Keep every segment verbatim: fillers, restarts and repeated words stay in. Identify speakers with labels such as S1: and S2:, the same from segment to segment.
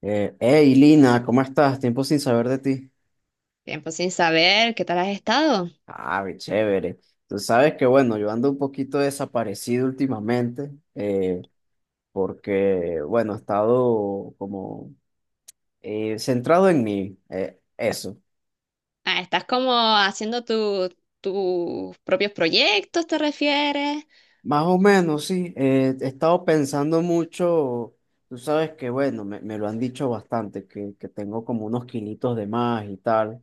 S1: Eh, hey, Lina, ¿cómo estás? Tiempo sin saber de ti.
S2: Tiempo sin saber, ¿qué tal has estado?
S1: Ah, qué chévere. Tú sabes que, bueno, yo ando un poquito desaparecido últimamente, eh, porque, bueno, he estado como eh, centrado en mí, eh, eso.
S2: Ah, ¿estás como haciendo tu- tus propios proyectos, te refieres?
S1: Más o menos, sí. eh, he estado pensando mucho, tú sabes que, bueno, me, me lo han dicho bastante, que, que tengo como unos kilitos de más y tal.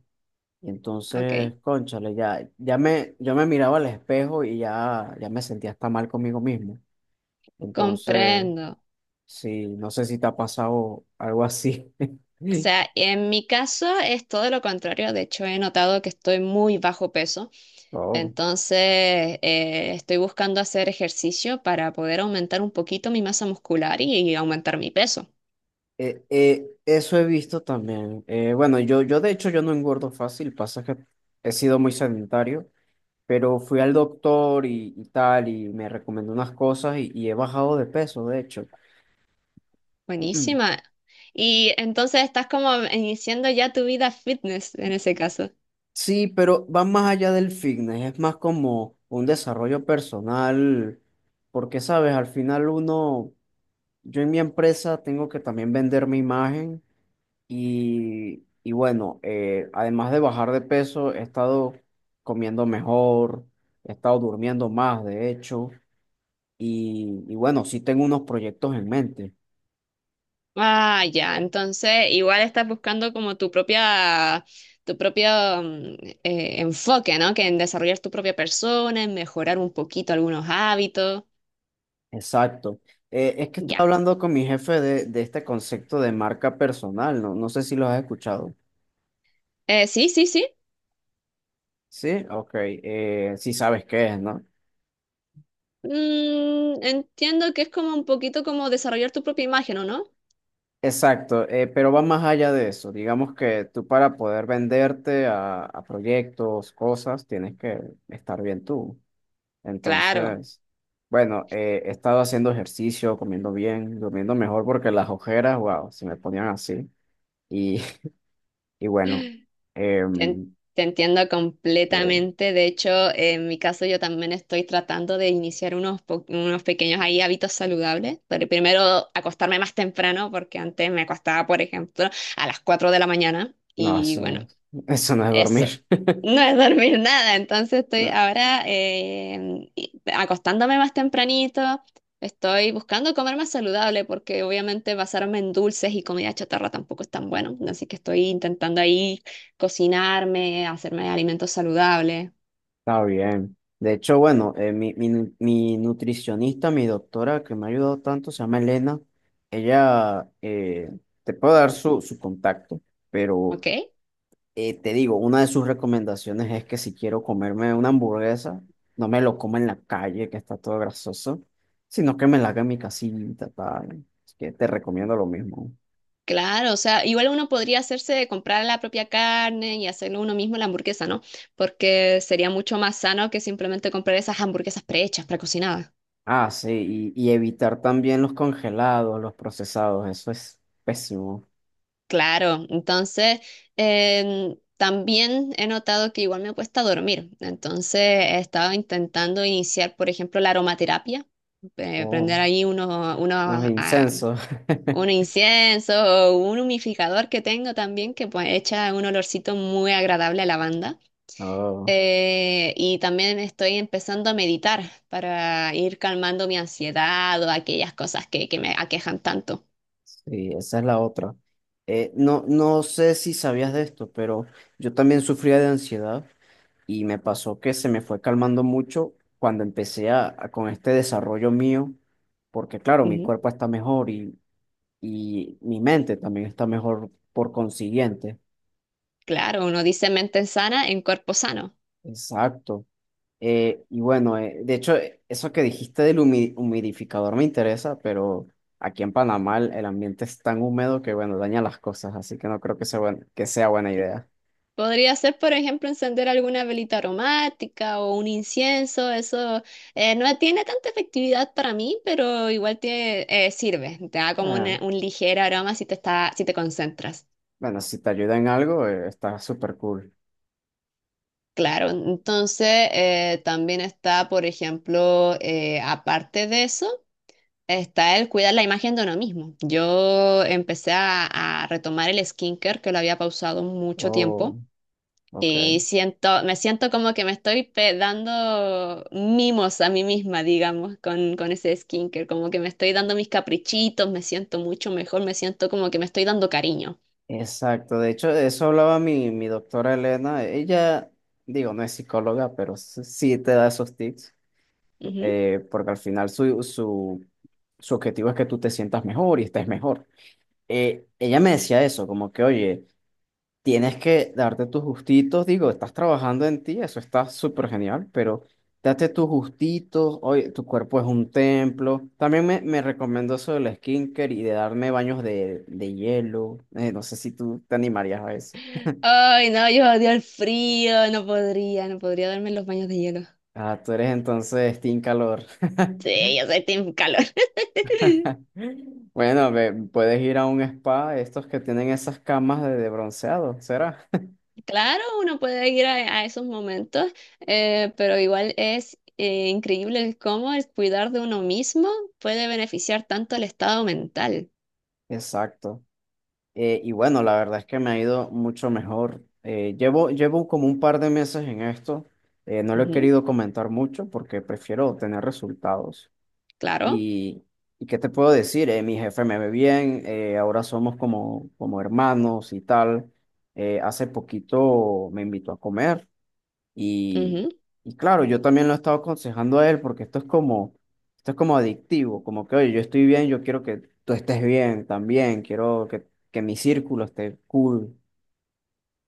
S1: Y entonces,
S2: Ok,
S1: cónchale, ya, ya me, yo me miraba al espejo y ya, ya me sentía hasta mal conmigo mismo. Entonces,
S2: comprendo.
S1: sí, no sé si te ha pasado algo así.
S2: O sea, en mi caso es todo lo contrario. De hecho, he notado que estoy muy bajo peso.
S1: No.
S2: Entonces, eh, estoy buscando hacer ejercicio para poder aumentar un poquito mi masa muscular y, y aumentar mi peso.
S1: Eh, eh, eso he visto también. Eh, bueno, yo, yo de hecho yo no engordo fácil, pasa que he sido muy sedentario, pero fui al doctor y, y tal, y me recomendó unas cosas y, y he bajado de peso, de hecho.
S2: Buenísima. Y entonces estás como iniciando ya tu vida fitness en ese caso.
S1: Sí, pero va más allá del fitness, es más como un desarrollo personal, porque sabes, al final uno, yo en mi empresa tengo que también vender mi imagen y, y bueno, eh, además de bajar de peso, he estado comiendo mejor, he estado durmiendo más, de hecho, y, y bueno, sí tengo unos proyectos en mente,
S2: Ah, ya. Entonces, igual estás buscando como tu propia, tu propio mm, eh, enfoque, ¿no? Que en desarrollar tu propia persona, en mejorar un poquito algunos hábitos.
S1: exacto. Eh, es que
S2: Ya.
S1: estaba hablando con mi jefe de, de este concepto de marca personal, no, no sé si lo has escuchado.
S2: Eh, sí, sí, sí.
S1: Sí, ok, eh, sí sabes qué es, ¿no?
S2: Mm, entiendo que es como un poquito como desarrollar tu propia imagen, ¿o no?
S1: Exacto, eh, pero va más allá de eso. Digamos que tú para poder venderte a, a proyectos, cosas, tienes que estar bien tú.
S2: Claro.
S1: Entonces, bueno, eh, he estado haciendo ejercicio, comiendo bien, durmiendo mejor porque las ojeras, wow, se me ponían así. Y, y bueno,
S2: Te, en-
S1: em,
S2: Te entiendo
S1: sí,
S2: completamente. De hecho, en mi caso yo también estoy tratando de iniciar unos, po- unos pequeños ahí hábitos saludables. Pero primero acostarme más temprano porque antes me acostaba, por ejemplo, a las cuatro de la mañana.
S1: no,
S2: Y bueno,
S1: eso, eso no es
S2: eso.
S1: dormir.
S2: No es dormir nada, entonces estoy ahora eh, y- acostándome más tempranito, estoy buscando comer más saludable porque obviamente basarme en dulces y comida chatarra tampoco es tan bueno, así que estoy intentando ahí cocinarme, hacerme alimentos saludables,
S1: Está bien. De hecho, bueno, eh, mi, mi, nu- mi nutricionista, mi doctora que me ha ayudado tanto, se llama Elena. Ella eh, te puede dar su, su contacto, pero
S2: ¿ok?
S1: eh, te digo, una de sus recomendaciones es que si quiero comerme una hamburguesa, no me lo coma en la calle, que está todo grasoso, sino que me la haga en mi casita, tal. Así que te recomiendo lo mismo.
S2: Claro, o sea, igual uno podría hacerse comprar la propia carne y hacerlo uno mismo la hamburguesa, ¿no? Porque sería mucho más sano que simplemente comprar esas hamburguesas prehechas, precocinadas.
S1: Ah, sí, y, y evitar también los congelados, los procesados, eso es pésimo.
S2: Claro, entonces em, también he notado que igual me cuesta dormir. Entonces he estado intentando iniciar, por ejemplo, la aromaterapia, eh,
S1: Oh.
S2: prender ahí uno, uno,
S1: Los
S2: ah,
S1: incensos.
S2: un incienso o un humidificador que tengo también que pues, echa un olorcito muy agradable a lavanda.
S1: Oh,
S2: Eh, y también estoy empezando a meditar para ir calmando mi ansiedad o aquellas cosas que, que me aquejan tanto.
S1: sí, esa es la otra. Eh, no, no sé si sabías de esto, pero yo también sufría de ansiedad y me pasó que se me fue calmando mucho cuando empecé a, a- con este desarrollo mío, porque claro, mi
S2: Ujú.
S1: cuerpo está mejor y, y mi mente también está mejor por consiguiente.
S2: Claro, uno dice mente sana en cuerpo sano.
S1: Exacto. Eh, y bueno, eh, de hecho, eh, eso que dijiste del humi- humidificador me interesa, pero aquí en Panamá el, el ambiente es tan húmedo que, bueno, daña las cosas, así que no creo que sea, buen- que sea buena idea.
S2: Podría ser, por ejemplo, encender alguna velita aromática o un incienso. Eso eh, no tiene tanta efectividad para mí, pero igual tiene, eh, sirve. Te da como
S1: Ah,
S2: una- un ligero aroma si te está, si te concentras.
S1: bueno, si te ayuda en algo, eh, está súper cool.
S2: Claro, entonces eh, también está, por ejemplo, eh, aparte de eso, está el cuidar la imagen de uno mismo. Yo empecé a, a retomar el skincare que lo había pausado mucho
S1: Oh,
S2: tiempo.
S1: ok.
S2: Y siento, me siento como que me estoy pe- dando mimos a mí misma, digamos, con, con ese skincare, como que me estoy dando mis caprichitos, me siento mucho mejor, me siento como que me estoy dando cariño.
S1: Exacto, de hecho, de eso hablaba mi, mi doctora Elena. Ella, digo, no es psicóloga, pero s- sí te da esos tips,
S2: Ujú.
S1: eh, porque al final su, su, su objetivo es que tú te sientas mejor y estés mejor. eh, ella me decía eso, como que, oye, tienes que darte tus gustitos, digo, estás trabajando en ti, eso está súper genial, pero date tus gustitos, oye, tu cuerpo es un templo. También me, me recomendó eso del skincare y de darme baños de, de hielo. Eh, no sé si tú te animarías a eso.
S2: Ay, no, yo odio el frío, no podría, no podría darme los baños de hielo.
S1: Ah, tú eres entonces team calor.
S2: Sí, yo soy team calor.
S1: Bueno, ve, puedes ir a un spa, estos que tienen esas camas de de bronceado, ¿será?
S2: Claro, uno puede ir a, a esos momentos, eh, pero igual es eh, increíble el cómo el cuidar de uno mismo puede beneficiar tanto al estado mental.
S1: Exacto. Eh, y bueno, la verdad es que me ha ido mucho mejor. Eh, llevo, llevo como un par de meses en esto. Eh, no lo he querido comentar mucho porque prefiero tener resultados.
S2: Claro,
S1: Y, y ¿qué te puedo decir? Eh, mi jefe me ve bien, eh, ahora somos como, como hermanos y tal. Eh, hace poquito me invitó a comer. Y,
S2: ujú.
S1: y claro, yo también lo he estado aconsejando a él porque esto es como, esto es como adictivo, como que, oye, yo estoy bien, yo quiero que tú estés bien también, quiero que, que mi círculo esté cool.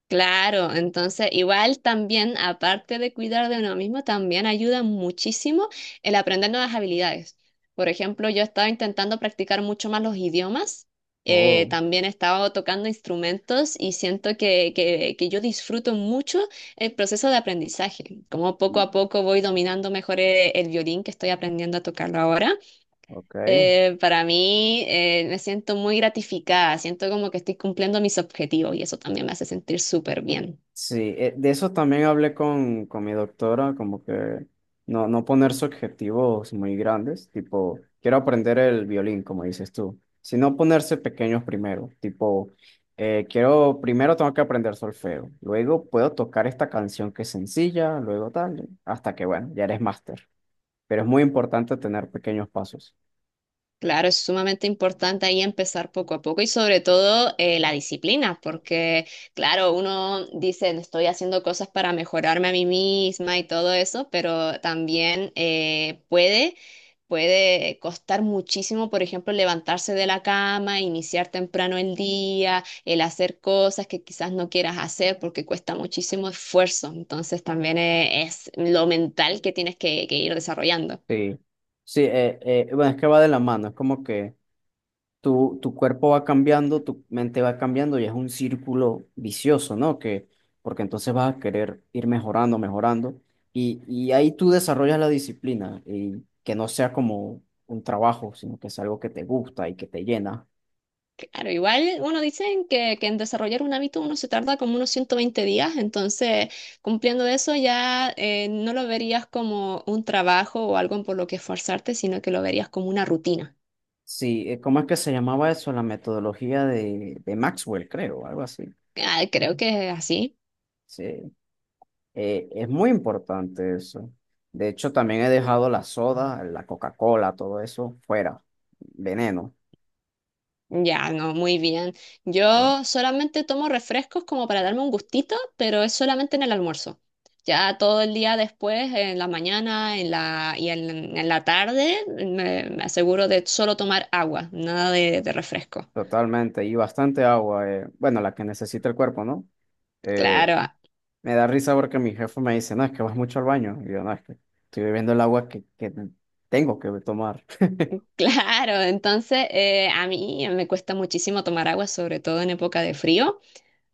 S2: Claro, entonces igual también, aparte de cuidar de uno mismo, también ayuda muchísimo el aprender nuevas habilidades. Por ejemplo, yo estaba intentando practicar mucho más los idiomas, eh,
S1: Oh,
S2: también he estado tocando instrumentos y siento que, que, que yo disfruto mucho el proceso de aprendizaje, como poco a poco voy dominando mejor eh, el violín que estoy aprendiendo a tocarlo ahora.
S1: ok.
S2: Eh, para mí eh, me siento muy gratificada, siento como que estoy cumpliendo mis objetivos y eso también me hace sentir súper bien.
S1: Sí, eh, de eso también hablé con, con mi doctora, como que no, no ponerse objetivos muy grandes, tipo, quiero aprender el violín, como dices tú, sino ponerse pequeños primero, tipo, eh, quiero, primero tengo que aprender solfeo, luego puedo tocar esta canción que es sencilla, luego tal, hasta que, bueno, ya eres máster, pero es muy importante tener pequeños pasos.
S2: Claro, es sumamente importante ahí empezar poco a poco y sobre todo eh, la disciplina, porque claro, uno dice, estoy haciendo cosas para mejorarme a mí misma y todo eso, pero también eh, puede, puede costar muchísimo, por ejemplo, levantarse de la cama, iniciar temprano el día, el hacer cosas que quizás no quieras hacer porque cuesta muchísimo esfuerzo. Entonces también eh, es lo mental que tienes que que ir desarrollando.
S1: Sí, sí, eh, eh, bueno, es que va de la mano, es como que tu, tu cuerpo va cambiando, tu mente va cambiando y es un círculo vicioso, ¿no? Que, porque entonces vas a querer ir mejorando, mejorando y, y ahí tú desarrollas la disciplina y que no sea como un trabajo, sino que es algo que te gusta y que te llena.
S2: Claro, igual, bueno, dicen que, que en desarrollar un hábito uno se tarda como unos ciento veinte días, entonces cumpliendo eso ya eh, no lo verías como un trabajo o algo por lo que esforzarte, sino que lo verías como una rutina.
S1: Sí, eh, ¿cómo es que se llamaba eso? La metodología de, de Maxwell, creo, algo así.
S2: Ah, creo que es así.
S1: Sí, eh, es muy importante eso. De hecho, también he dejado la soda, la Coca-Cola, todo eso fuera, veneno.
S2: Ya, no, muy bien.
S1: eh,
S2: Yo solamente tomo refrescos como para darme un gustito, pero es solamente en el almuerzo. Ya todo el día después, en la mañana, en la, y en, en la tarde, me, me aseguro de solo tomar agua, nada de de refresco.
S1: Totalmente, y bastante agua, eh, bueno, la que necesita el cuerpo, ¿no? Eh,
S2: Claro, ah,
S1: Me da risa porque mi jefe me dice, no, es que vas mucho al baño, y yo, no, es que estoy bebiendo el agua que, que tengo que tomar.
S2: claro. Entonces, eh, a mí me cuesta muchísimo tomar agua, sobre todo en época de frío.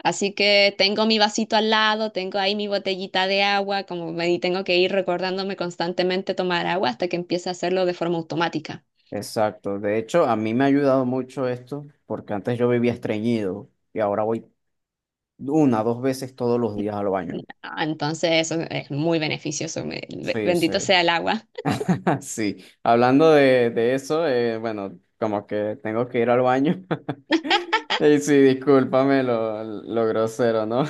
S2: Así que tengo mi vasito al lado, tengo ahí mi botellita de agua, como me y tengo que ir recordándome constantemente tomar agua hasta que empiece a hacerlo de forma automática.
S1: Exacto, de hecho, a mí me ha ayudado mucho esto, porque antes yo vivía estreñido, y ahora voy una, dos veces todos los días al baño.
S2: Ah, entonces, eso es muy beneficioso. me- be-
S1: Sí, sí.
S2: Bendito sea el agua.
S1: Sí, hablando de, de eso, eh, bueno, como que tengo que ir al baño. Y sí, discúlpame lo, lo grosero, ¿no?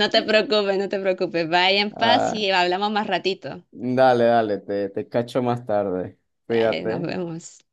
S2: No te preocupes, no te preocupes. Vaya en paz
S1: Ah,
S2: y hablamos más ratito.
S1: dale, dale, te, te cacho más tarde.
S2: Dale, nos
S1: Cuídate.
S2: vemos.